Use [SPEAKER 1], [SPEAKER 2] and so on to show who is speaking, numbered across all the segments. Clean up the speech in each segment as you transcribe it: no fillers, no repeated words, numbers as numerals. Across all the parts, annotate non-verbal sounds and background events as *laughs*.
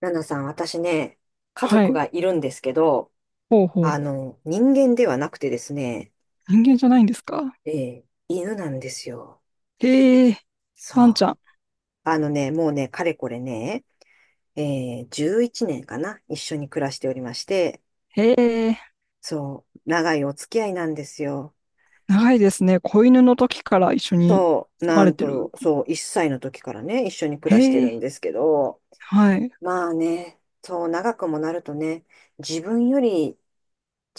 [SPEAKER 1] ナナさん、私ね、家
[SPEAKER 2] は
[SPEAKER 1] 族
[SPEAKER 2] い。
[SPEAKER 1] がいるんですけど、
[SPEAKER 2] ほうほう。
[SPEAKER 1] 人間ではなくてですね、
[SPEAKER 2] 人間じゃないんですか？
[SPEAKER 1] え犬なんですよ。
[SPEAKER 2] へえ、
[SPEAKER 1] そ
[SPEAKER 2] ワンちゃ
[SPEAKER 1] う。
[SPEAKER 2] ん。
[SPEAKER 1] あのね、もうね、かれこれね、え11年かな、一緒に暮らしておりまして、
[SPEAKER 2] へえ、
[SPEAKER 1] そう、長いお付き合いなんですよ。
[SPEAKER 2] 長いですね。子犬の時から一緒に
[SPEAKER 1] そう、
[SPEAKER 2] 住ま
[SPEAKER 1] な
[SPEAKER 2] れ
[SPEAKER 1] ん
[SPEAKER 2] て
[SPEAKER 1] と、
[SPEAKER 2] る。
[SPEAKER 1] そう、1歳の時からね、一緒に暮
[SPEAKER 2] へ
[SPEAKER 1] らしてる
[SPEAKER 2] え、
[SPEAKER 1] んですけど、
[SPEAKER 2] はい。
[SPEAKER 1] まあね、そう、長くもなるとね、自分より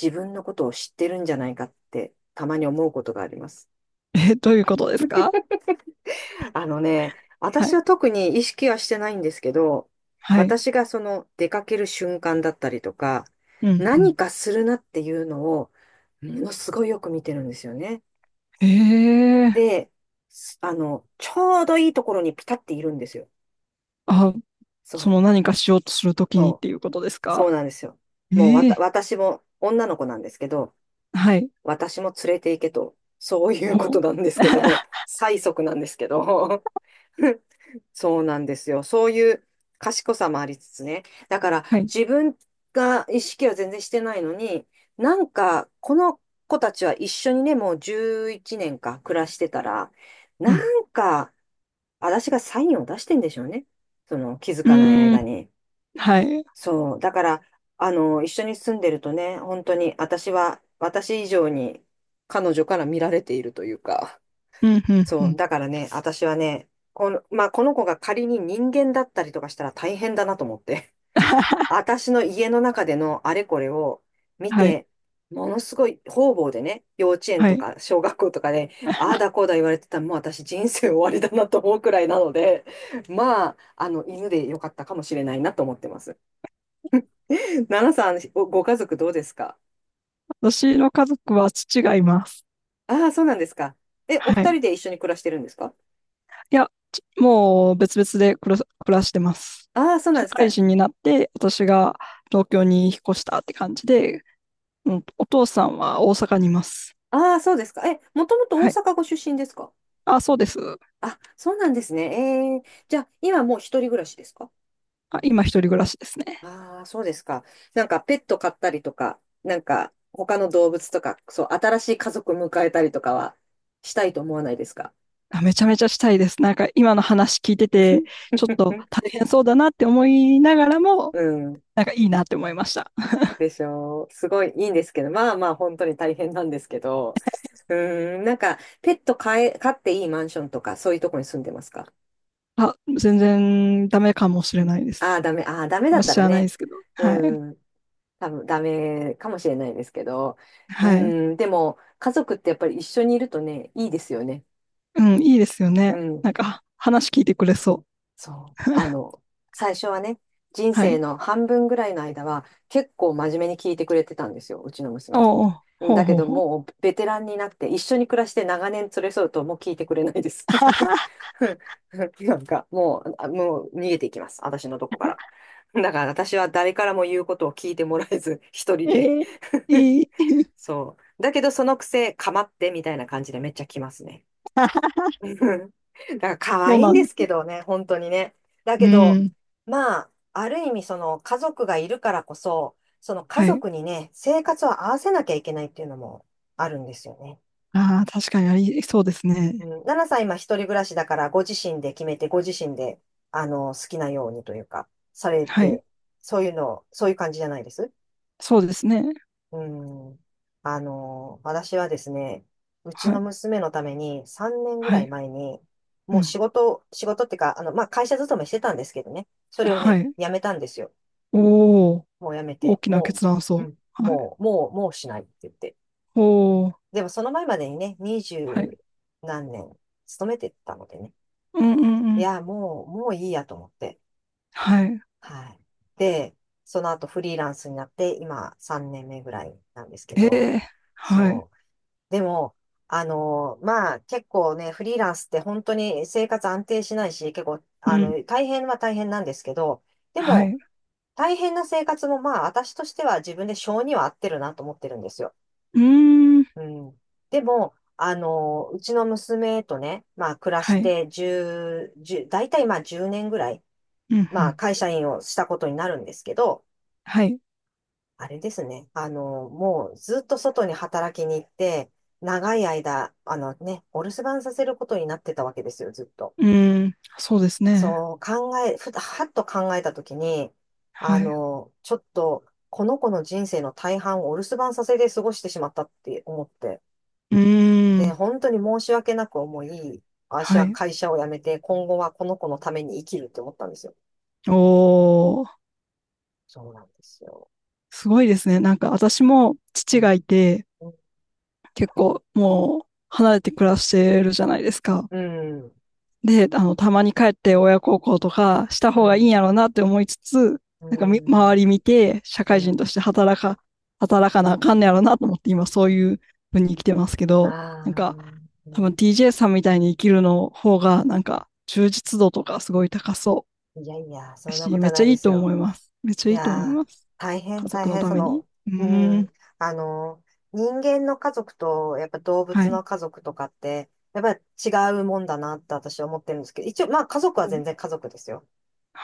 [SPEAKER 1] 自分のことを知ってるんじゃないかって、たまに思うことがあります。
[SPEAKER 2] え、どういうことですか？
[SPEAKER 1] あのね、
[SPEAKER 2] は
[SPEAKER 1] 私
[SPEAKER 2] い。
[SPEAKER 1] は特に意識はしてないんですけど、
[SPEAKER 2] はい。
[SPEAKER 1] 私がその出かける瞬間だったりとか、
[SPEAKER 2] うん、う
[SPEAKER 1] 何かするなっていうのを、ものすごいよく見てるんですよね。
[SPEAKER 2] ん。へえ、
[SPEAKER 1] で、すあの、ちょうどいいところにピタっているんですよ。
[SPEAKER 2] あ、
[SPEAKER 1] そ
[SPEAKER 2] そ
[SPEAKER 1] う、
[SPEAKER 2] の何かしようとするときにっ
[SPEAKER 1] そ
[SPEAKER 2] て
[SPEAKER 1] う、
[SPEAKER 2] いうことです
[SPEAKER 1] そう
[SPEAKER 2] か？
[SPEAKER 1] なんですよ。もう
[SPEAKER 2] ええ、
[SPEAKER 1] 私も女の子なんですけど、
[SPEAKER 2] はい。
[SPEAKER 1] 私も連れて行けと、そういうこ
[SPEAKER 2] ほう。
[SPEAKER 1] となんですけど、
[SPEAKER 2] *laughs*
[SPEAKER 1] 催促なんですけど、*laughs* そうなんですよ。そういう賢さもありつつね。だから
[SPEAKER 2] はい。
[SPEAKER 1] 自分が意識は全然してないのに、なんかこの子たちは一緒にね、もう11年か暮らしてたら、
[SPEAKER 2] う
[SPEAKER 1] な
[SPEAKER 2] ん。
[SPEAKER 1] んか私がサインを出してんでしょうね。その気づ
[SPEAKER 2] う
[SPEAKER 1] かない
[SPEAKER 2] ー
[SPEAKER 1] 間
[SPEAKER 2] ん、
[SPEAKER 1] に。
[SPEAKER 2] はい。
[SPEAKER 1] そう。だから、一緒に住んでるとね、本当に私は、私以上に彼女から見られているというか。
[SPEAKER 2] うん、うん、う
[SPEAKER 1] そう。
[SPEAKER 2] ん。
[SPEAKER 1] だからね、私はね、この、まあ、この子が仮に人間だったりとかしたら大変だなと思って。*laughs*
[SPEAKER 2] *laughs*
[SPEAKER 1] 私の家の中でのあれこれを見
[SPEAKER 2] はい。
[SPEAKER 1] て、ものすごい方々でね、幼稚園
[SPEAKER 2] は
[SPEAKER 1] と
[SPEAKER 2] い。
[SPEAKER 1] か小学校とかで、ああだこうだ言われてたら、もう私人生終わりだなと思うくらいなので、まあ、犬でよかったかもしれないなと思ってます。*laughs* 奈々さん、ご家族どうですか？
[SPEAKER 2] 私の家族は父がいます。
[SPEAKER 1] ああそうなんですか。え、お
[SPEAKER 2] は
[SPEAKER 1] 二
[SPEAKER 2] い。
[SPEAKER 1] 人で一緒に暮らしてるんですか？
[SPEAKER 2] いや、ちもう別々で暮らしてます。
[SPEAKER 1] ああそうなん
[SPEAKER 2] 社
[SPEAKER 1] です
[SPEAKER 2] 会
[SPEAKER 1] か。
[SPEAKER 2] 人になって、私が東京に引っ越したって感じで、うん、お父さんは大阪にいます。
[SPEAKER 1] ああ、そうですか。え、もともと大
[SPEAKER 2] はい。
[SPEAKER 1] 阪ご出身ですか？
[SPEAKER 2] あ、そうです。
[SPEAKER 1] あ、そうなんですね。ええ、じゃあ、今もう一人暮らしですか？
[SPEAKER 2] あ、今一人暮らしですね。
[SPEAKER 1] ああそうですか。なんか、ペット飼ったりとか、なんか、他の動物とか、そう、新しい家族迎えたりとかは、したいと思わないですか？
[SPEAKER 2] あ、めちゃめちゃしたいです。なんか今の話聞いてて、
[SPEAKER 1] *laughs*
[SPEAKER 2] ちょっと大変そうだなって思いながらも、
[SPEAKER 1] うん。
[SPEAKER 2] なんかいいなって思いました。
[SPEAKER 1] でしょう。すごいいいんですけど、まあまあ、本当に大変なんですけど。うん、なんか、ペット飼っていいマンションとか、そういうとこに住んでますか？
[SPEAKER 2] あ、全然ダメかもしれないで
[SPEAKER 1] ああー、
[SPEAKER 2] す。
[SPEAKER 1] ダメ。ああ、ダメ
[SPEAKER 2] あん
[SPEAKER 1] だっ
[SPEAKER 2] ま
[SPEAKER 1] た
[SPEAKER 2] 知
[SPEAKER 1] ら
[SPEAKER 2] らない
[SPEAKER 1] ね。
[SPEAKER 2] ですけど。はい。
[SPEAKER 1] うん。多分ダメかもしれないですけど、う
[SPEAKER 2] はい。
[SPEAKER 1] ん、でも家族ってやっぱり一緒にいるとね、いいですよね。
[SPEAKER 2] うん、いいですよ
[SPEAKER 1] う
[SPEAKER 2] ね。
[SPEAKER 1] ん、
[SPEAKER 2] なんか話聞いてくれそ
[SPEAKER 1] そ
[SPEAKER 2] う。
[SPEAKER 1] う。
[SPEAKER 2] *laughs*
[SPEAKER 1] 最初はね、人
[SPEAKER 2] は
[SPEAKER 1] 生
[SPEAKER 2] い。
[SPEAKER 1] の半分ぐらいの間は結構真面目に聞いてくれてたんですよ、うちの娘。
[SPEAKER 2] おう、ほう
[SPEAKER 1] だけ
[SPEAKER 2] ほう
[SPEAKER 1] ど
[SPEAKER 2] ほう。
[SPEAKER 1] もうベテランになって一緒に暮らして長年連れ添うともう聞いてくれないです。
[SPEAKER 2] *laughs*
[SPEAKER 1] *laughs* なんかもう、もう逃げていきます、私のとこから。だから私は誰からも言うことを聞いてもらえず、一人で
[SPEAKER 2] ええいい。
[SPEAKER 1] そう。だけど、そのくせ、かまってみたいな感じでめっちゃ来ますね。
[SPEAKER 2] *laughs*
[SPEAKER 1] *laughs* うん。だから可
[SPEAKER 2] そう
[SPEAKER 1] 愛いん
[SPEAKER 2] なん
[SPEAKER 1] で
[SPEAKER 2] です
[SPEAKER 1] すけ
[SPEAKER 2] ね。
[SPEAKER 1] どね、本当にね。だ
[SPEAKER 2] う
[SPEAKER 1] けど、
[SPEAKER 2] ん。
[SPEAKER 1] まあ、ある意味その家族がいるからこそ、その家
[SPEAKER 2] はい。
[SPEAKER 1] 族にね、生活を合わせなきゃいけないっていうのもあるんですよね。
[SPEAKER 2] ああ、確かにありそうです
[SPEAKER 1] う
[SPEAKER 2] ね。
[SPEAKER 1] ん、奈々さん今一人暮らしだからご自身で決めて、ご自身で、好きなようにというか、され
[SPEAKER 2] はい。
[SPEAKER 1] て、そういうの、そういう感じじゃないです？
[SPEAKER 2] そうですね。
[SPEAKER 1] うん。私はですね、うち
[SPEAKER 2] は
[SPEAKER 1] の
[SPEAKER 2] い。
[SPEAKER 1] 娘のために3年ぐら
[SPEAKER 2] は
[SPEAKER 1] い
[SPEAKER 2] い。
[SPEAKER 1] 前に、
[SPEAKER 2] う
[SPEAKER 1] もう
[SPEAKER 2] ん。
[SPEAKER 1] 仕事、仕事っていうか、まあ、会社勤めしてたんですけどね、それを
[SPEAKER 2] は
[SPEAKER 1] ね、
[SPEAKER 2] い。
[SPEAKER 1] 辞めたんですよ。
[SPEAKER 2] おお、
[SPEAKER 1] もう辞め
[SPEAKER 2] 大
[SPEAKER 1] て、
[SPEAKER 2] きな
[SPEAKER 1] も
[SPEAKER 2] 決断
[SPEAKER 1] う、う
[SPEAKER 2] そ
[SPEAKER 1] ん、
[SPEAKER 2] う。はい。
[SPEAKER 1] もう、もう、もうしないって言って。
[SPEAKER 2] おお、
[SPEAKER 1] でもその前までにね、二
[SPEAKER 2] はい。
[SPEAKER 1] 十何年勤めてたのでね、
[SPEAKER 2] うんうんう
[SPEAKER 1] い
[SPEAKER 2] ん。
[SPEAKER 1] や、もう、もういいやと思って。
[SPEAKER 2] はい。
[SPEAKER 1] はい。で、その後フリーランスになって、今3年目ぐらいなんですけ
[SPEAKER 2] え
[SPEAKER 1] ど、
[SPEAKER 2] えはい。
[SPEAKER 1] そう。でも、まあ、結構ね、フリーランスって本当に生活安定しないし、結構、
[SPEAKER 2] うん。
[SPEAKER 1] 大変は大変なんですけど、で
[SPEAKER 2] は
[SPEAKER 1] も、
[SPEAKER 2] い。
[SPEAKER 1] 大変な生活もまあ、私としては自分で性には合ってるなと思ってるんですよ。
[SPEAKER 2] うーん。
[SPEAKER 1] うん。でも、うちの娘とね、まあ、暮らし
[SPEAKER 2] はい。
[SPEAKER 1] て10、10、大体まあ10年ぐらい、
[SPEAKER 2] うんう
[SPEAKER 1] まあ、
[SPEAKER 2] ん。
[SPEAKER 1] 会社員をしたことになるんですけど、
[SPEAKER 2] はい。
[SPEAKER 1] あれですね。もうずっと外に働きに行って、長い間、あのね、お留守番させることになってたわけですよ、ずっと。
[SPEAKER 2] うーん。そうですね。
[SPEAKER 1] そう考え、ふはっと考えたときに、
[SPEAKER 2] はい。
[SPEAKER 1] ちょっと、この子の人生の大半をお留守番させて過ごしてしまったって思って。
[SPEAKER 2] うー
[SPEAKER 1] で、
[SPEAKER 2] ん。
[SPEAKER 1] 本当に申し訳なく思い、私
[SPEAKER 2] は
[SPEAKER 1] は
[SPEAKER 2] い。
[SPEAKER 1] 会社を辞めて、今後はこの子のために生きるって思ったんですよ。
[SPEAKER 2] おお。
[SPEAKER 1] そうなんですよ。
[SPEAKER 2] すごいですね。なんか私も
[SPEAKER 1] う
[SPEAKER 2] 父
[SPEAKER 1] ん、
[SPEAKER 2] がいて、
[SPEAKER 1] う
[SPEAKER 2] 結構もう離れて暮らしてるじゃないですか。
[SPEAKER 1] ん、
[SPEAKER 2] で、あの、たまに帰って親孝行とかした
[SPEAKER 1] う
[SPEAKER 2] 方がいいん
[SPEAKER 1] ん、
[SPEAKER 2] やろうなって思いつつ、
[SPEAKER 1] う
[SPEAKER 2] なんか周り
[SPEAKER 1] ん、
[SPEAKER 2] 見て社
[SPEAKER 1] う
[SPEAKER 2] 会人と
[SPEAKER 1] ん。
[SPEAKER 2] して働か、働かなあかんねやろうなと思って今そういう風に生きてますけ
[SPEAKER 1] あ
[SPEAKER 2] ど、なん
[SPEAKER 1] あ、
[SPEAKER 2] か
[SPEAKER 1] う
[SPEAKER 2] 多分
[SPEAKER 1] ん、
[SPEAKER 2] TJ さんみたいに生きるの方がなんか充実度とかすごい高そ
[SPEAKER 1] いやいや、
[SPEAKER 2] う
[SPEAKER 1] そんなこ
[SPEAKER 2] し、
[SPEAKER 1] と
[SPEAKER 2] めっ
[SPEAKER 1] は
[SPEAKER 2] ち
[SPEAKER 1] な
[SPEAKER 2] ゃ
[SPEAKER 1] い
[SPEAKER 2] い
[SPEAKER 1] で
[SPEAKER 2] い
[SPEAKER 1] す
[SPEAKER 2] と思
[SPEAKER 1] よ。
[SPEAKER 2] います。めっちゃ
[SPEAKER 1] い
[SPEAKER 2] いいと思い
[SPEAKER 1] や
[SPEAKER 2] ま
[SPEAKER 1] ー、
[SPEAKER 2] す。
[SPEAKER 1] 大変
[SPEAKER 2] 家
[SPEAKER 1] 大
[SPEAKER 2] 族の
[SPEAKER 1] 変、
[SPEAKER 2] ために。う
[SPEAKER 1] う
[SPEAKER 2] ーん。
[SPEAKER 1] ん、あの、人間の家族と、やっぱ動
[SPEAKER 2] は
[SPEAKER 1] 物
[SPEAKER 2] い。
[SPEAKER 1] の家族とかって、やっぱり違うもんだなって私は思ってるんですけど、一応、まあ家族は全然家族ですよ。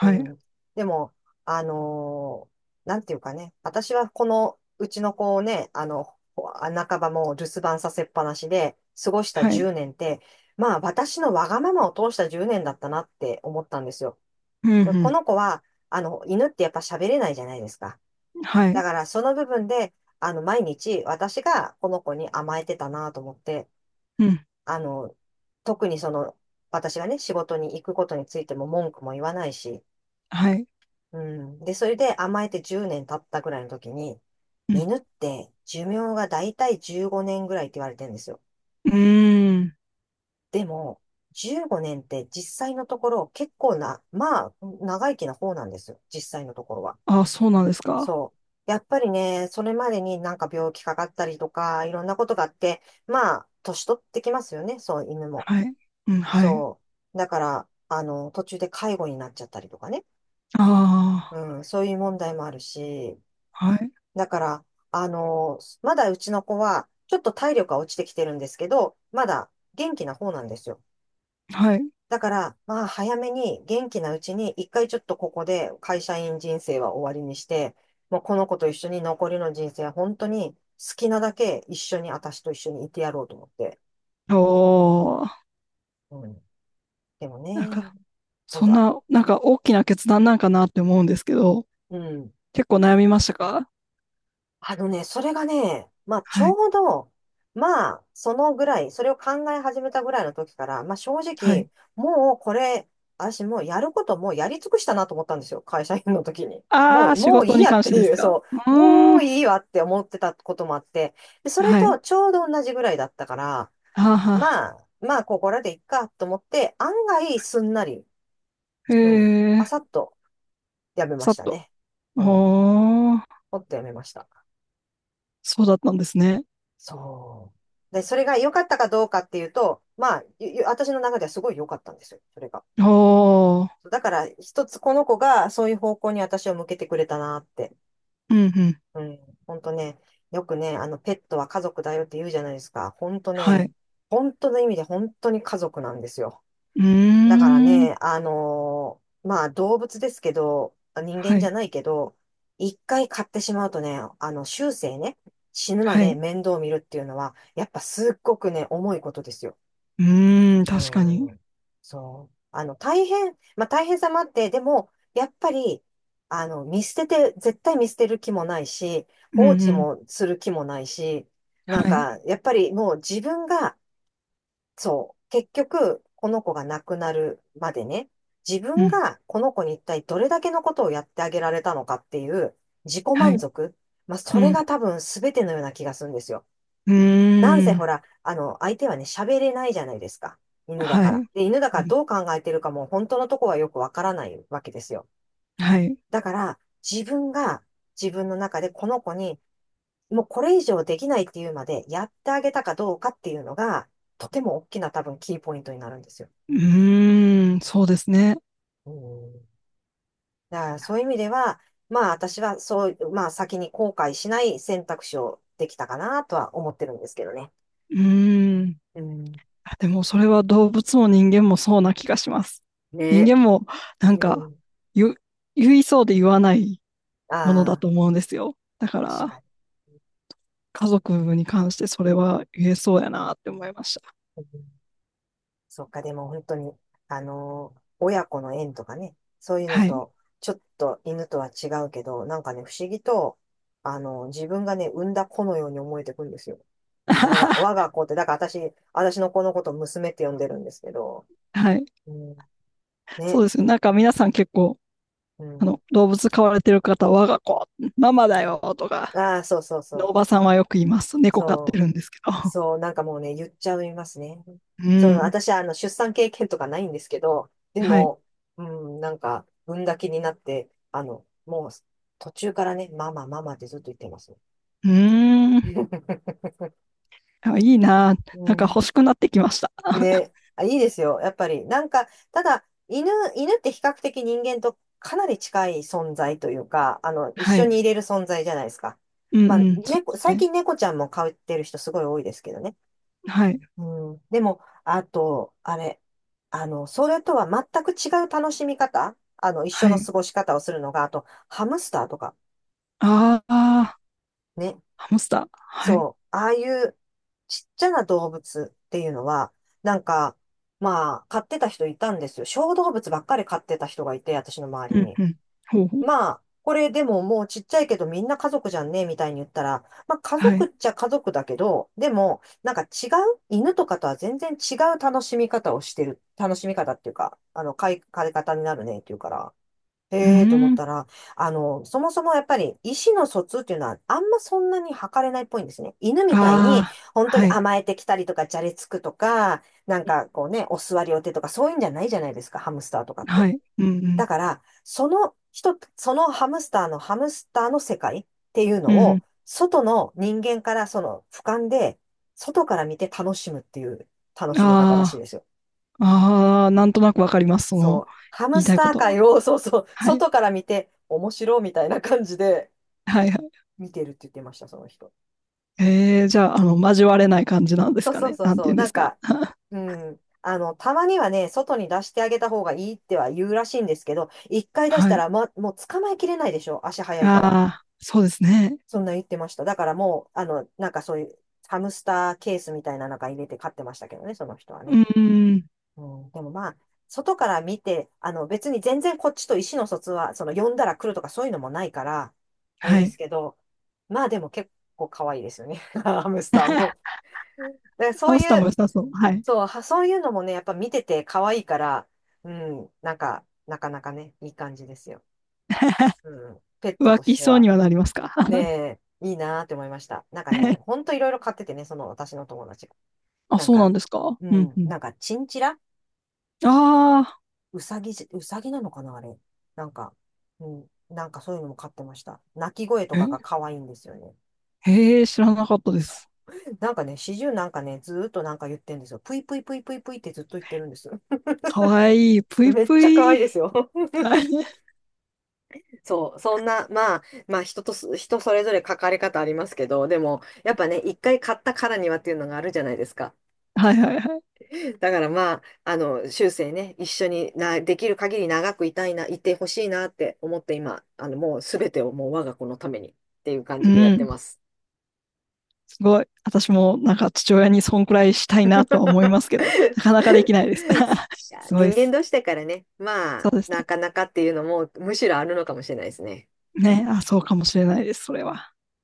[SPEAKER 1] う
[SPEAKER 2] い、
[SPEAKER 1] ん。でも、あのーなんていうかね、私はこの、うちの子をね、半ばもう留守番させっぱなしで過ごした
[SPEAKER 2] はい、
[SPEAKER 1] 10年って、まあ私のわがままを通した10年だったなって思ったんですよ。
[SPEAKER 2] う
[SPEAKER 1] こ
[SPEAKER 2] ん、
[SPEAKER 1] の子は、犬ってやっぱ喋れないじゃないですか。
[SPEAKER 2] うん。はい、
[SPEAKER 1] だからその部分で、毎日私がこの子に甘えてたなと思って、
[SPEAKER 2] うん。
[SPEAKER 1] あの、特に私がね、仕事に行くことについても文句も言わないし、
[SPEAKER 2] はい。
[SPEAKER 1] うん。で、それで甘えて10年経ったぐらいの時に、
[SPEAKER 2] うん。
[SPEAKER 1] 犬って寿命がだいたい15年ぐらいって言われてるんですよ。
[SPEAKER 2] うーん。
[SPEAKER 1] でも、15年って実際のところ結構な、まあ、長生きな方なんですよ。実際のところは。
[SPEAKER 2] あ、そうなんですか。
[SPEAKER 1] そう。やっぱりね、それまでになんか病気かかったりとか、いろんなことがあって、まあ、年取ってきますよね。そう、犬も。
[SPEAKER 2] はい。うん。はい。
[SPEAKER 1] そう。だから、途中で介護になっちゃったりとかね。
[SPEAKER 2] あ
[SPEAKER 1] うん、そういう問題もあるし、
[SPEAKER 2] あ、はい。
[SPEAKER 1] だから、まだうちの子は、ちょっと体力が落ちてきてるんですけど、まだ元気な方なんですよ。
[SPEAKER 2] はい。
[SPEAKER 1] だから、まあ、早めに元気なうちに、一回ちょっとここで会社員人生は終わりにして、もうこの子と一緒に残りの人生は本当に好きなだけ一緒に、私と一緒にいてやろうと思って。
[SPEAKER 2] おー、
[SPEAKER 1] うん。でも
[SPEAKER 2] なん
[SPEAKER 1] ね、
[SPEAKER 2] か、
[SPEAKER 1] 本
[SPEAKER 2] そ
[SPEAKER 1] 当
[SPEAKER 2] ん
[SPEAKER 1] は、
[SPEAKER 2] な、なんか大きな決断なんかなって思うんですけど、
[SPEAKER 1] うん。
[SPEAKER 2] 結構悩みましたか？
[SPEAKER 1] あのね、それがね、まあ、ち
[SPEAKER 2] はい。
[SPEAKER 1] ょうど、まあ、そのぐらい、それを考え始めたぐらいの時から、まあ、正
[SPEAKER 2] はい。
[SPEAKER 1] 直、もうこれ、私もうやることもうやり尽くしたなと思ったんですよ。会社員の時に。も
[SPEAKER 2] あ
[SPEAKER 1] う、
[SPEAKER 2] あ、仕
[SPEAKER 1] もうい
[SPEAKER 2] 事
[SPEAKER 1] い
[SPEAKER 2] に
[SPEAKER 1] やっ
[SPEAKER 2] 関し
[SPEAKER 1] て
[SPEAKER 2] てです
[SPEAKER 1] いう、
[SPEAKER 2] か？
[SPEAKER 1] そ
[SPEAKER 2] う
[SPEAKER 1] う、も
[SPEAKER 2] ーん。
[SPEAKER 1] ういいわって思ってたこともあって、で、それ
[SPEAKER 2] は
[SPEAKER 1] と
[SPEAKER 2] い。
[SPEAKER 1] ちょうど同じぐらいだったから、
[SPEAKER 2] はあはあ。
[SPEAKER 1] まあ、まあ、ここらでいっかと思って、案外すんなり、
[SPEAKER 2] へ
[SPEAKER 1] うん、パ
[SPEAKER 2] え、
[SPEAKER 1] サッとやめま
[SPEAKER 2] さ
[SPEAKER 1] し
[SPEAKER 2] っ
[SPEAKER 1] た
[SPEAKER 2] と。
[SPEAKER 1] ね。うん、
[SPEAKER 2] おー、
[SPEAKER 1] ほっとやめました。
[SPEAKER 2] そうだったんですね。
[SPEAKER 1] そう。で、それが良かったかどうかっていうと、まあ、私の中ではすごい良かったんですよ、それが。
[SPEAKER 2] おー、
[SPEAKER 1] だから、一つこの子がそういう方向に私を向けてくれたなって。
[SPEAKER 2] うん、うん。
[SPEAKER 1] うん、本当ね、よくね、ペットは家族だよって言うじゃないですか。本当
[SPEAKER 2] は
[SPEAKER 1] ね、
[SPEAKER 2] い。
[SPEAKER 1] 本当の意味で本当に家族なんですよ。
[SPEAKER 2] うー
[SPEAKER 1] だから
[SPEAKER 2] ん。
[SPEAKER 1] ね、まあ動物ですけど、人間
[SPEAKER 2] は
[SPEAKER 1] じゃ
[SPEAKER 2] い。
[SPEAKER 1] ないけど、一回買ってしまうとね、あの、終生ね、死ぬま
[SPEAKER 2] は
[SPEAKER 1] で
[SPEAKER 2] い。
[SPEAKER 1] 面倒を見るっていうのは、やっぱすっごくね、重いことですよ。
[SPEAKER 2] うーん。
[SPEAKER 1] う
[SPEAKER 2] 確かに。
[SPEAKER 1] ん。そう。あの、大変、まあ大変さもあって、でも、やっぱり、あの、見捨てて、絶対見捨てる気もないし、
[SPEAKER 2] うん
[SPEAKER 1] 放
[SPEAKER 2] う
[SPEAKER 1] 置
[SPEAKER 2] ん。
[SPEAKER 1] もする気もないし、なん
[SPEAKER 2] はい。
[SPEAKER 1] か、やっぱりもう自分がそう。結局、この子が亡くなるまでね、自
[SPEAKER 2] う
[SPEAKER 1] 分
[SPEAKER 2] ん。
[SPEAKER 1] がこの子に一体どれだけのことをやってあげられたのかっていう自己
[SPEAKER 2] は
[SPEAKER 1] 満
[SPEAKER 2] い。
[SPEAKER 1] 足。まあ、そ
[SPEAKER 2] う
[SPEAKER 1] れが
[SPEAKER 2] ん。
[SPEAKER 1] 多分全てのような気がするんですよ。
[SPEAKER 2] うー
[SPEAKER 1] なんせほ
[SPEAKER 2] ん。
[SPEAKER 1] ら、あの、相手はね、喋れないじゃないですか。犬だ
[SPEAKER 2] は
[SPEAKER 1] か
[SPEAKER 2] い。う
[SPEAKER 1] ら。
[SPEAKER 2] ん。
[SPEAKER 1] で、犬だからどう考えてるかも本当のとこはよくわからないわけですよ。
[SPEAKER 2] はい。
[SPEAKER 1] だから、自分が自分の中でこの子に、もうこれ以上できないっていうまでやってあげたかどうかっていうのが、とても大きな多分キーポイントになるんですよ。
[SPEAKER 2] うーん。そうですね。
[SPEAKER 1] うん。だからそういう意味では、まあ私はそう、まあ先に後悔しない選択肢をできたかなとは思ってるんですけどね。
[SPEAKER 2] うーん。
[SPEAKER 1] うん。
[SPEAKER 2] あ、でも、それは動物も人間もそうな気がします。人
[SPEAKER 1] ね。
[SPEAKER 2] 間も、なん
[SPEAKER 1] う
[SPEAKER 2] か、
[SPEAKER 1] ん。
[SPEAKER 2] 言、言いそうで言わないものだ
[SPEAKER 1] あ
[SPEAKER 2] と思うんですよ。だ
[SPEAKER 1] あ、
[SPEAKER 2] か
[SPEAKER 1] 確
[SPEAKER 2] ら、
[SPEAKER 1] かに。
[SPEAKER 2] 家族に関してそれは言えそうやなって思いました。
[SPEAKER 1] うん。そっか、でも本当に、親子の縁とかね、そういうの
[SPEAKER 2] はい。
[SPEAKER 1] と、ちょっと犬とは違うけど、なんかね、不思議と、自分がね、産んだ子のように思えてくるんですよ。
[SPEAKER 2] *laughs*
[SPEAKER 1] 我が子って、だから私の子のことを娘って呼んでるんですけど、
[SPEAKER 2] はい。
[SPEAKER 1] うん、
[SPEAKER 2] そ
[SPEAKER 1] ね、
[SPEAKER 2] うですね。なんか皆さん結構、
[SPEAKER 1] う
[SPEAKER 2] あ
[SPEAKER 1] ん。
[SPEAKER 2] の、動物飼われてる方は、我が子、ママだよとか、
[SPEAKER 1] ああ、そうそうそう。
[SPEAKER 2] おばさんはよく言います。猫飼って
[SPEAKER 1] そう。
[SPEAKER 2] るんですけど。
[SPEAKER 1] そう、なんかもうね、言っちゃいますね。
[SPEAKER 2] *laughs* う
[SPEAKER 1] その、
[SPEAKER 2] ん。
[SPEAKER 1] 私はあの、出産経験とかないんですけど、で
[SPEAKER 2] はい。
[SPEAKER 1] も、うん、なんか、産んだ気になって、あの、もう、途中からね、ママ、ママってずっと言ってます。
[SPEAKER 2] うーん。
[SPEAKER 1] *laughs*
[SPEAKER 2] あ、いいな。
[SPEAKER 1] う
[SPEAKER 2] なんか
[SPEAKER 1] ん。
[SPEAKER 2] 欲しくなってきました。*laughs*
[SPEAKER 1] ね、あ、いいですよ。やっぱり、なんか、ただ、犬って比較的人間とかなり近い存在というか、あの、一
[SPEAKER 2] は
[SPEAKER 1] 緒に
[SPEAKER 2] い。
[SPEAKER 1] いれる存在じゃないですか。
[SPEAKER 2] う
[SPEAKER 1] まあ、
[SPEAKER 2] んうん。そう
[SPEAKER 1] 猫、
[SPEAKER 2] で
[SPEAKER 1] 最
[SPEAKER 2] すね。
[SPEAKER 1] 近猫ちゃんも飼ってる人すごい多いですけどね。
[SPEAKER 2] はい。
[SPEAKER 1] うん、でも、あと、あれ、あの、それとは全く違う楽しみ方、あの、一緒
[SPEAKER 2] は
[SPEAKER 1] の
[SPEAKER 2] い。
[SPEAKER 1] 過ごし方をするのが、あと、ハムスターとか、
[SPEAKER 2] ああ、
[SPEAKER 1] ね。
[SPEAKER 2] ハムスター。はい。
[SPEAKER 1] そう、ああいうちっちゃな動物っていうのは、なんか、まあ、飼ってた人いたんですよ。小動物ばっかり飼ってた人がいて、私の周
[SPEAKER 2] う
[SPEAKER 1] り
[SPEAKER 2] ん
[SPEAKER 1] に。
[SPEAKER 2] うん。ほうほう。
[SPEAKER 1] まあ、これでももうちっちゃいけどみんな家族じゃんね、みたいに言ったら、まあ家
[SPEAKER 2] は
[SPEAKER 1] 族っ
[SPEAKER 2] い。
[SPEAKER 1] ちゃ家族だけど、でも、なんか違う、犬とかとは全然違う楽しみ方をしてる、楽しみ方っていうか、あの、飼い方になるねっていうから、
[SPEAKER 2] うー
[SPEAKER 1] へえと思っ
[SPEAKER 2] ん。
[SPEAKER 1] たら、あの、そもそもやっぱり意思の疎通っていうのはあんまそんなに測れないっぽいんですね。犬みたいに
[SPEAKER 2] ああ、
[SPEAKER 1] 本当に
[SPEAKER 2] はい。
[SPEAKER 1] 甘えてきたりとか、じゃれつくとか、なんかこうね、お座りお手とかそういうんじゃないじゃないですか、ハムスターとかっ
[SPEAKER 2] は
[SPEAKER 1] て。
[SPEAKER 2] い。うんう
[SPEAKER 1] だ
[SPEAKER 2] ん。
[SPEAKER 1] から、その人、そのハムスターの世界っていう
[SPEAKER 2] う
[SPEAKER 1] の
[SPEAKER 2] ん
[SPEAKER 1] を、
[SPEAKER 2] う
[SPEAKER 1] 外の人間からその俯瞰で、外から見て楽しむっていう楽
[SPEAKER 2] ん。
[SPEAKER 1] しみ方らしい
[SPEAKER 2] あ
[SPEAKER 1] ですよ。
[SPEAKER 2] あ、ああ、なんとなくわかります。そ
[SPEAKER 1] そ
[SPEAKER 2] の、
[SPEAKER 1] う。ハム
[SPEAKER 2] 言い
[SPEAKER 1] ス
[SPEAKER 2] たい
[SPEAKER 1] タ
[SPEAKER 2] こ
[SPEAKER 1] ー
[SPEAKER 2] と。
[SPEAKER 1] 界を、*laughs* そうそう、
[SPEAKER 2] はい。
[SPEAKER 1] 外から見て面白いみたいな感じで
[SPEAKER 2] はいはい。
[SPEAKER 1] 見てるって言ってました、その人。
[SPEAKER 2] えー、じゃあ、あの、交われない感じなんです
[SPEAKER 1] そう
[SPEAKER 2] か
[SPEAKER 1] そう
[SPEAKER 2] ね。
[SPEAKER 1] そう
[SPEAKER 2] なんて
[SPEAKER 1] そ
[SPEAKER 2] 言
[SPEAKER 1] う。
[SPEAKER 2] うんで
[SPEAKER 1] なん
[SPEAKER 2] すか。
[SPEAKER 1] か、うん。あの、たまにはね、外に出してあげた方がいいっては言うらしいんですけど、一回出し
[SPEAKER 2] は
[SPEAKER 1] た
[SPEAKER 2] い。
[SPEAKER 1] ら、ま、もう捕まえきれないでしょ、足早
[SPEAKER 2] あ
[SPEAKER 1] いから。
[SPEAKER 2] あ、そうですね。
[SPEAKER 1] そんな言ってました。だからもう、あの、なんかそういうハムスターケースみたいな中入れて飼ってましたけどね、その人は
[SPEAKER 2] う
[SPEAKER 1] ね。
[SPEAKER 2] ーん、
[SPEAKER 1] うん、でもまあ、外から見て、あの別に全然こっちと意思の疎通は、その呼んだら来るとかそういうのもないから、あれ
[SPEAKER 2] は
[SPEAKER 1] です
[SPEAKER 2] い。
[SPEAKER 1] けど、まあでも結構可愛いですよね、*laughs* ハムスターも。
[SPEAKER 2] *laughs*
[SPEAKER 1] で、
[SPEAKER 2] ハ
[SPEAKER 1] そう
[SPEAKER 2] ムスター
[SPEAKER 1] い
[SPEAKER 2] も
[SPEAKER 1] う、
[SPEAKER 2] 良さそう。はい。
[SPEAKER 1] そう、はそういうのもね、やっぱ見てて可愛いから、うん、なんか、なかなかね、いい感じですよ。うん、ペッ
[SPEAKER 2] *laughs*
[SPEAKER 1] ト
[SPEAKER 2] 浮
[SPEAKER 1] とし
[SPEAKER 2] 気し
[SPEAKER 1] て
[SPEAKER 2] そう
[SPEAKER 1] は。
[SPEAKER 2] にはなりますか？
[SPEAKER 1] ねえ、いいなーって思いました。なんかね、
[SPEAKER 2] *laughs*
[SPEAKER 1] ほんといろいろ買っててね、その私の友達が。
[SPEAKER 2] あ、
[SPEAKER 1] なん
[SPEAKER 2] そうな
[SPEAKER 1] か、
[SPEAKER 2] んですか？
[SPEAKER 1] う
[SPEAKER 2] うん
[SPEAKER 1] ん、
[SPEAKER 2] うん。
[SPEAKER 1] なんかチンチラ
[SPEAKER 2] あ
[SPEAKER 1] うさぎなのかなあれ。なんか、うん、なんかそういうのも買ってました。鳴き声と
[SPEAKER 2] あ、え、
[SPEAKER 1] かが可愛いんですよね。
[SPEAKER 2] へえ、知らなかったで
[SPEAKER 1] そ
[SPEAKER 2] す。
[SPEAKER 1] う。なんかね、始終なんかね、ずーっとなんか言ってんですよ。ぷいぷいぷいぷいぷいってずっと言ってるんです。
[SPEAKER 2] 可愛いい、
[SPEAKER 1] *laughs*
[SPEAKER 2] ぷい
[SPEAKER 1] めっ
[SPEAKER 2] ぷ
[SPEAKER 1] ちゃ可
[SPEAKER 2] い。
[SPEAKER 1] 愛いですよ。*laughs*
[SPEAKER 2] はい
[SPEAKER 1] そう、そんな、まあ、まあ人とす、人それぞれ書かれ方ありますけど、でも、やっぱね、一回買ったからにはっていうのがあるじゃないですか。
[SPEAKER 2] はいはいはい。
[SPEAKER 1] だからまあ、あの、終生ね、一緒にな、できる限り長くいたいな、いてほしいなって思って今、あの、もうすべてをもう我が子のためにっていう感
[SPEAKER 2] う
[SPEAKER 1] じでやって
[SPEAKER 2] ん、
[SPEAKER 1] ます。
[SPEAKER 2] すごい。私もなんか父親にそんくらいしたいなとは思いますけど、なかなか
[SPEAKER 1] *laughs*
[SPEAKER 2] できないです。
[SPEAKER 1] い
[SPEAKER 2] *laughs*
[SPEAKER 1] や、
[SPEAKER 2] すごいで
[SPEAKER 1] 人間
[SPEAKER 2] す。
[SPEAKER 1] 同士だからね、まあ、
[SPEAKER 2] そうです
[SPEAKER 1] な
[SPEAKER 2] ね。
[SPEAKER 1] かなかっていうのも、むしろあるのかもしれないですね。
[SPEAKER 2] ね、あ、そうかもしれないです、それは。